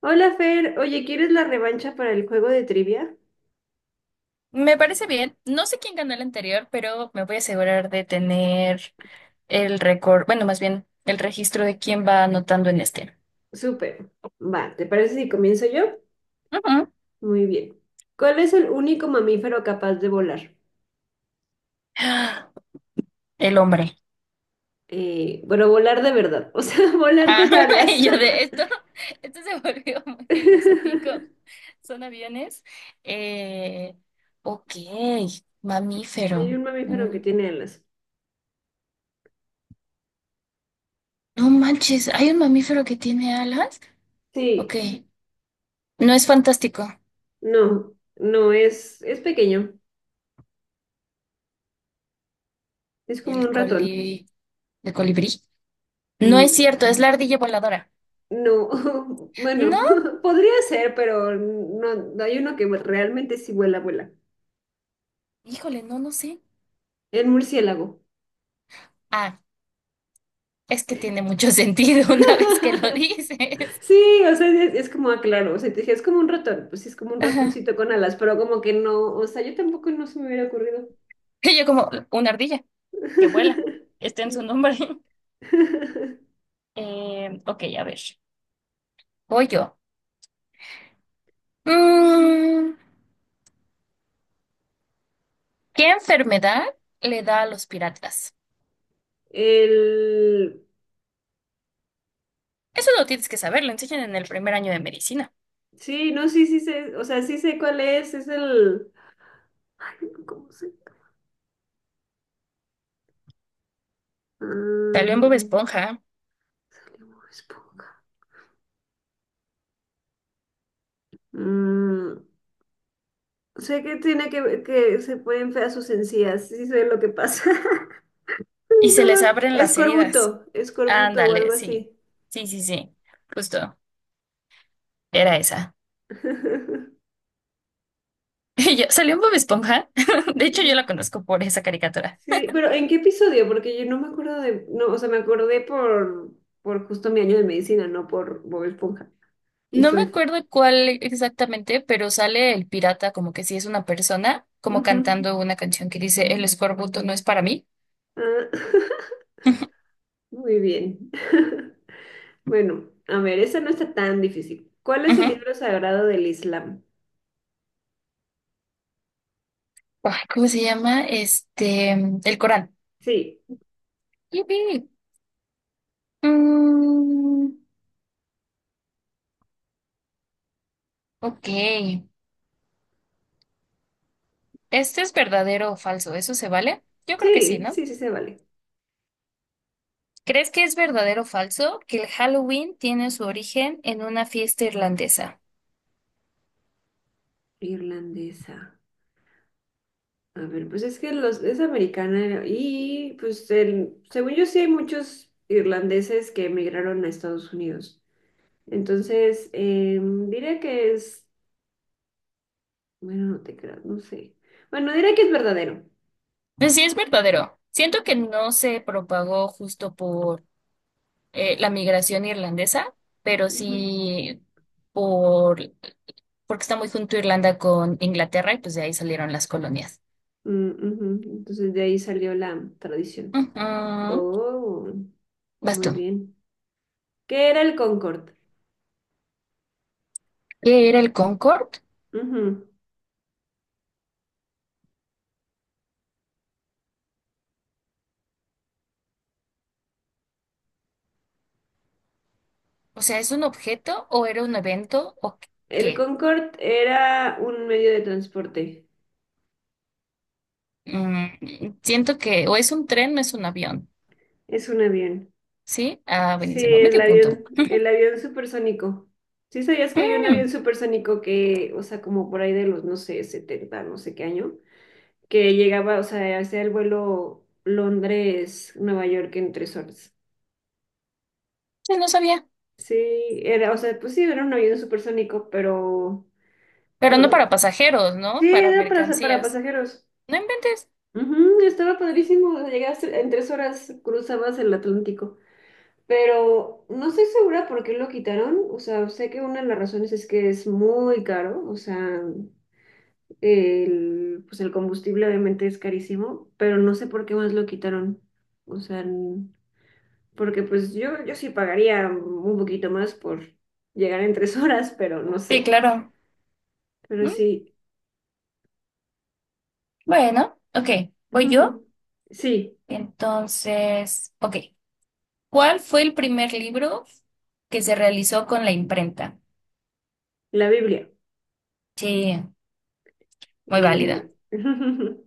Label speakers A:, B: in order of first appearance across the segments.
A: Hola Fer, oye, ¿quieres la revancha para el juego de trivia?
B: Me parece bien. No sé quién ganó el anterior, pero me voy a asegurar de tener el récord, bueno, más bien el registro de quién va anotando en este.
A: Súper. Va, ¿te parece si comienzo yo?
B: Ujú.
A: Muy bien. ¿Cuál es el único mamífero capaz de volar?
B: Ah, el hombre.
A: Bueno, volar de verdad, o sea, volar
B: Ah,
A: con alas.
B: y yo de esto, esto se volvió muy filosófico. Son aviones. Eh, ok,
A: Hay
B: mamífero.
A: un mamífero que
B: Mm.
A: tiene alas.
B: No manches, ¿hay un mamífero que tiene alas? Ok,
A: Sí,
B: no es fantástico.
A: no, no, es pequeño, es como
B: El
A: un ratón.
B: coli... ¿El colibrí? No
A: No,
B: es cierto, es la ardilla voladora.
A: no, bueno,
B: No,
A: podría ser, pero no, hay uno que realmente sí vuela, vuela.
B: híjole, no, no sé.
A: El murciélago.
B: Ah, es que tiene mucho sentido una vez que lo dices.
A: Sí, o sea, es como, ah, claro, o sea, te dije, es como un ratón, pues sí, es como un
B: Ajá.
A: ratoncito con alas, pero como que no, o sea, yo tampoco no se me hubiera ocurrido.
B: Y yo como una ardilla que vuela. Está en su
A: Sí.
B: nombre. Ok, a ver. Voy yo. Mm, ¿Qué enfermedad le da a los piratas?
A: El,
B: Eso lo tienes que saber, lo enseñan en el primer año de medicina.
A: sí, no, sí, sí sé, o sea, sí sé cuál es el, ay, no, ¿cómo se?
B: Salió en Bob
A: Ah,
B: Esponja
A: salió Bob Esponja. Mm, sé que tiene que se pueden feas sus encías, sí sí sé lo que pasa.
B: y se les
A: No,
B: abren las heridas.
A: escorbuto, escorbuto o
B: Ándale,
A: algo así.
B: sí. Sí, sí, sí. Justo. Era esa. Y yo, salió en Bob Esponja. De hecho, yo la conozco por esa caricatura.
A: Sí, pero ¿en qué episodio? Porque yo no me acuerdo de, no, o sea, me acordé por justo mi año de medicina, no por Bob Esponja. Y
B: No me
A: soy.
B: acuerdo cuál exactamente, pero sale el pirata como que si es una persona, como
A: Ujú.
B: cantando una canción que dice el escorbuto no es para mí.
A: Ah, muy bien. Bueno, a ver, esa no está tan difícil. ¿Cuál es el
B: Ujú.
A: libro sagrado del Islam?
B: Ay, ¿cómo se llama? Este, el Corán.
A: Sí,
B: Yupi. Mm, ok. ¿Este es verdadero o falso? ¿Eso se vale? Yo creo que sí,
A: sí,
B: ¿no?
A: sí, sí se vale.
B: ¿Crees que es verdadero o falso que el Halloween tiene su origen en una fiesta irlandesa?
A: Irlandesa. A ver, pues es que los, es americana y pues el, según yo sí hay muchos irlandeses que emigraron a Estados Unidos. Entonces, diré que es, bueno, no te creas, no sé. Bueno, diré que es verdadero.
B: Pues sí, es verdadero. Siento que no se propagó justo por la migración irlandesa, pero
A: Ujú.
B: sí por porque está muy junto Irlanda con Inglaterra y pues de ahí salieron las colonias.
A: Mm, ujú. Entonces de ahí salió la tradición.
B: Ujú.
A: Oh,
B: Vas
A: muy
B: tú.
A: bien. ¿Qué era el Concorde?
B: ¿Qué era el Concord?
A: Ujú.
B: O sea, ¿es un objeto o era un evento o
A: El
B: qué?
A: Concorde era un medio de transporte.
B: Siento que o es un tren no es un avión.
A: Es un avión.
B: ¿Sí? Ah,
A: Sí,
B: buenísimo. Medio punto.
A: el avión supersónico. ¿Sí sabías que había un avión
B: Mm,
A: supersónico que, o sea, como por ahí de los, no sé, 70 no sé qué año? Que llegaba, o sea, hacía el vuelo Londres-Nueva York en 3 horas.
B: sí, no sabía.
A: Sí, era, o sea, pues sí, era un avión supersónico, pero
B: Pero no
A: no,
B: para pasajeros,
A: sí,
B: ¿no? Para
A: era para
B: mercancías.
A: pasajeros.
B: No inventes.
A: Ujú, estaba padrísimo, o sea, llegaste en 3 horas, cruzabas el Atlántico, pero no estoy segura por qué lo quitaron, o sea, sé que una de las razones es que es muy caro, o sea, el, pues el combustible obviamente es carísimo, pero no sé por qué más lo quitaron, o sea, porque pues yo sí pagaría un poquito más por llegar en tres horas, pero no
B: Sí,
A: sé.
B: claro.
A: Pero
B: Mm,
A: sí,
B: bueno, ok, voy yo.
A: sí,
B: Entonces, ok. ¿Cuál fue el primer libro que se realizó con la imprenta?
A: la Biblia.
B: Sí, muy válida.
A: Eh,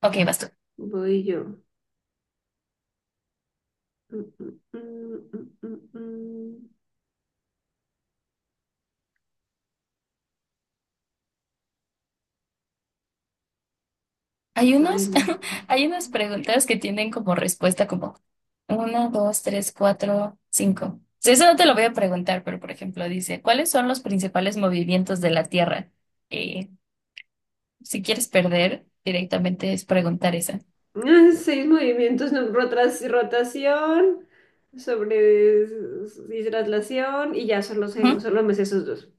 B: Ok, basta.
A: voy yo. Mm, mm, mm, mm, mm.
B: Hay
A: Ay,
B: unos,
A: no.
B: hay unas preguntas que tienen como respuesta como uno, dos, tres, cuatro, cinco. Sí, eso no te lo voy a preguntar, pero por ejemplo dice, ¿cuáles son los principales movimientos de la Tierra? Eh, si quieres perder, directamente es preguntar esa.
A: Ah, seis movimientos, no, rotación, y traslación, y ya solo,
B: Ujú.
A: solo me sé esos dos.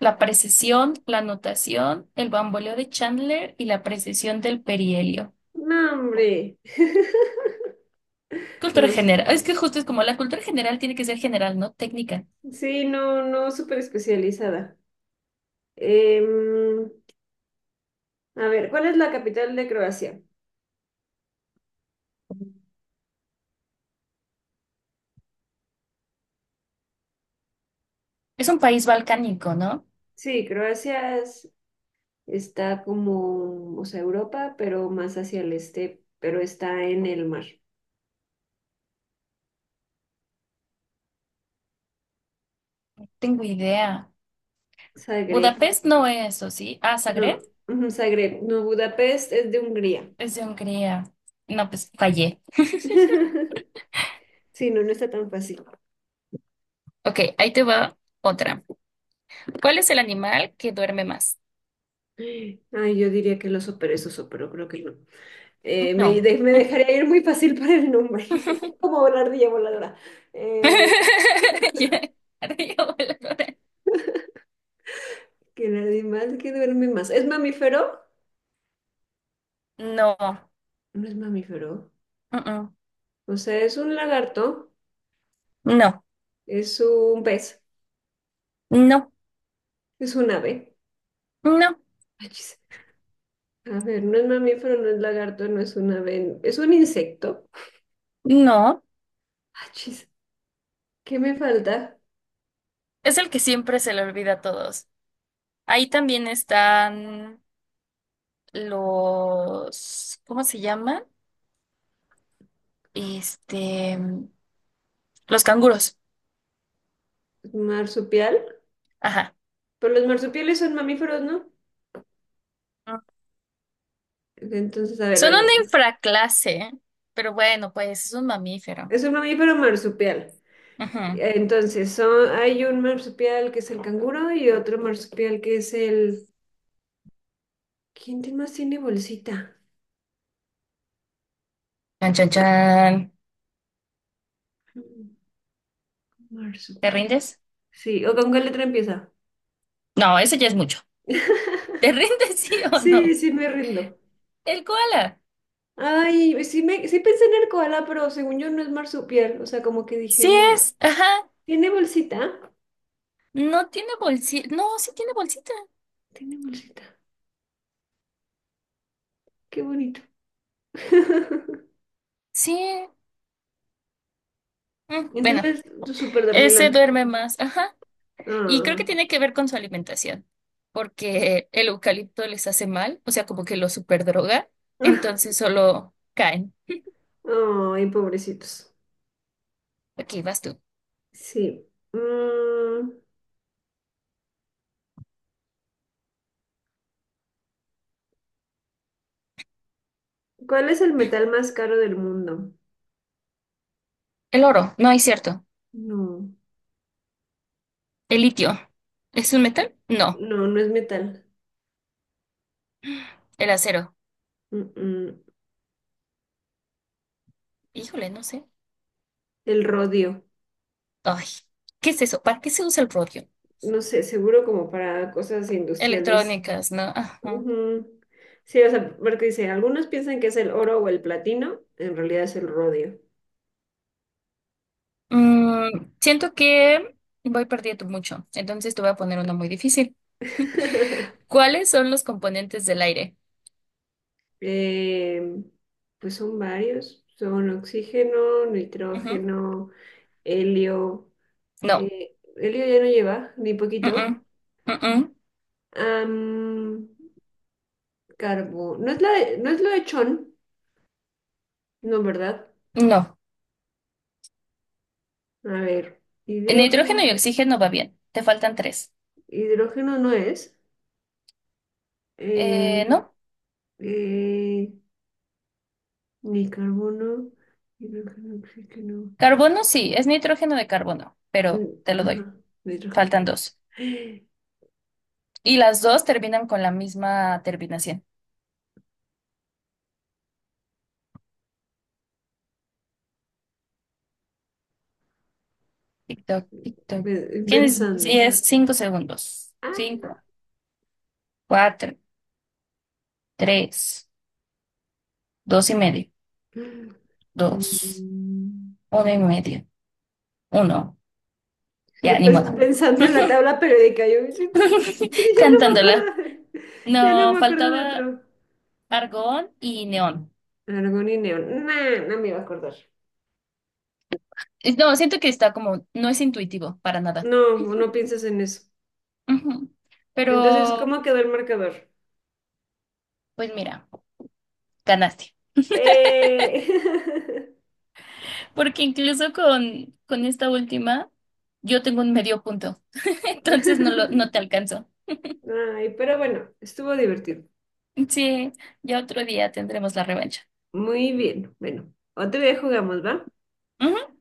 B: La precesión, la notación, el bamboleo de Chandler y la precesión del perihelio.
A: No, hombre.
B: Cultura
A: No,
B: general. Es que justo es como la cultura general tiene que ser general, no técnica.
A: sí, no, no, súper especializada. Em, A ver, ¿cuál es la capital de Croacia?
B: Es un país balcánico, ¿no?
A: Sí, está como, o sea, Europa, pero más hacia el este, pero está en el mar.
B: Tengo idea.
A: Zagreb,
B: Budapest no es, ¿o sí? Ah, Zagreb
A: no, ujú, Zagreb, no, Budapest es de Hungría.
B: es de Hungría. No, pues fallé.
A: Sí, no, no está tan fácil.
B: Ok, ahí te va otra. ¿Cuál es el animal que duerme más?
A: Ay, yo diría que lo superé, pero creo que no.
B: No.
A: Me dejaría ir muy fácil para el nombre, como la ardilla voladora. Eh,
B: Ya, arriba, voladora.
A: que el animal que duerme más. ¿Es mamífero?
B: No.
A: No es mamífero.
B: Mm, mm.
A: O sea, es un lagarto,
B: No.
A: es un pez,
B: No.
A: es un ave.
B: No.
A: Achis. A ver, no es mamífero, no es lagarto, no es un ave, es un insecto.
B: No,
A: Achis. ¿Qué me falta?
B: es el que siempre se le olvida a todos. Ahí también están los, ¿cómo se llaman? Este, los canguros.
A: ¿Marsupial?
B: Ajá.
A: Pero los marsupiales son mamíferos, ¿no?
B: Ah.
A: Entonces, a ver,
B: Son
A: bueno,
B: una infraclase, pero bueno, pues es un mamífero.
A: es un mamífero marsupial.
B: Ajá.
A: Entonces, son, hay un marsupial que es el canguro y otro marsupial que es el... ¿Quién más tiene bolsita?
B: Chan, chan, chan.
A: Mm,
B: ¿Te
A: marsupial.
B: rindes?
A: Sí, ¿o con qué letra empieza?
B: No, eso ya es mucho. ¿Te rindes sí o
A: Sí,
B: no?
A: sí, me rindo.
B: El koala.
A: Ay, sí, me, sí pensé en el koala, pero según yo no es marsupial. O sea, como que dije,
B: Sí
A: no.
B: es, ajá.
A: ¿Tiene bolsita?
B: No tiene bolsita. No, sí tiene bolsita.
A: Tiene bolsita. Qué bonito.
B: Sí. Bueno,
A: Entonces, tú súper
B: ese
A: dormilón.
B: duerme más. Ajá. Y creo que
A: Ah.
B: tiene que ver con su alimentación, porque el eucalipto les hace mal, o sea, como que lo superdroga, entonces solo caen.
A: Ay, pobrecitos.
B: Aquí vas tú.
A: Sí. Mm, ¿cuál es el metal más caro del mundo?
B: El oro, no es cierto.
A: No,
B: El litio, ¿es un metal? No.
A: no, no es metal.
B: El acero,
A: Mm, mm.
B: híjole, no sé.
A: El rodio.
B: Ay, ¿qué es eso? ¿Para qué se usa el rodio?
A: No sé, seguro como para cosas industriales.
B: Electrónicas, ¿no? Ajá.
A: Ujú. Sí, o sea, porque dice, algunos piensan que es el oro o el platino, en realidad es el rodio.
B: Siento que voy perdiendo mucho, entonces te voy a poner una muy difícil. ¿Cuáles son los componentes del aire?
A: Em, pues son varios, son oxígeno,
B: Ujú.
A: nitrógeno, helio,
B: No.
A: helio ya no lleva, ni poquito.
B: Mm-mm. Mm-mm.
A: Am, no es no es lo de chon, no, ¿verdad?
B: No,
A: A ver,
B: nitrógeno
A: hidrógeno,
B: y oxígeno va bien, te faltan tres.
A: hidrógeno no es. Eh,
B: No,
A: eh, Ni carbono, hidrógeno, oxígeno.
B: carbono sí, es nitrógeno de carbono,
A: Mm,
B: pero te lo doy,
A: ajá,
B: faltan
A: hidrógeno.
B: dos. Y las dos terminan con la misma terminación. Tic-toc, tic-toc. Tienes
A: Pensando.
B: 10, 5 segundos.
A: Ah,
B: Cinco, cuatro, tres, dos y medio, dos,
A: mm,
B: uno y medio, uno. Ya,
A: yo
B: ni modo.
A: pensando en la tabla periódica, yo yo no me
B: Cantándola.
A: acuerdo, ya no
B: No,
A: me acuerdo de
B: faltaba
A: otro.
B: argón y neón.
A: Argón y neón. Nah, no me iba a acordar.
B: No, siento que está como, no es intuitivo para nada.
A: No, no piensas en eso.
B: Ujú.
A: Entonces,
B: Pero,
A: ¿cómo quedó el marcador?
B: pues mira, ganaste.
A: ¡Eh!
B: Porque incluso con esta última, yo tengo un medio punto. Entonces no te alcanzo.
A: Ay, pero bueno, estuvo divertido.
B: Sí, ya otro día tendremos la revancha.
A: Muy bien. Bueno, otro día jugamos, ¿va?
B: Ujú.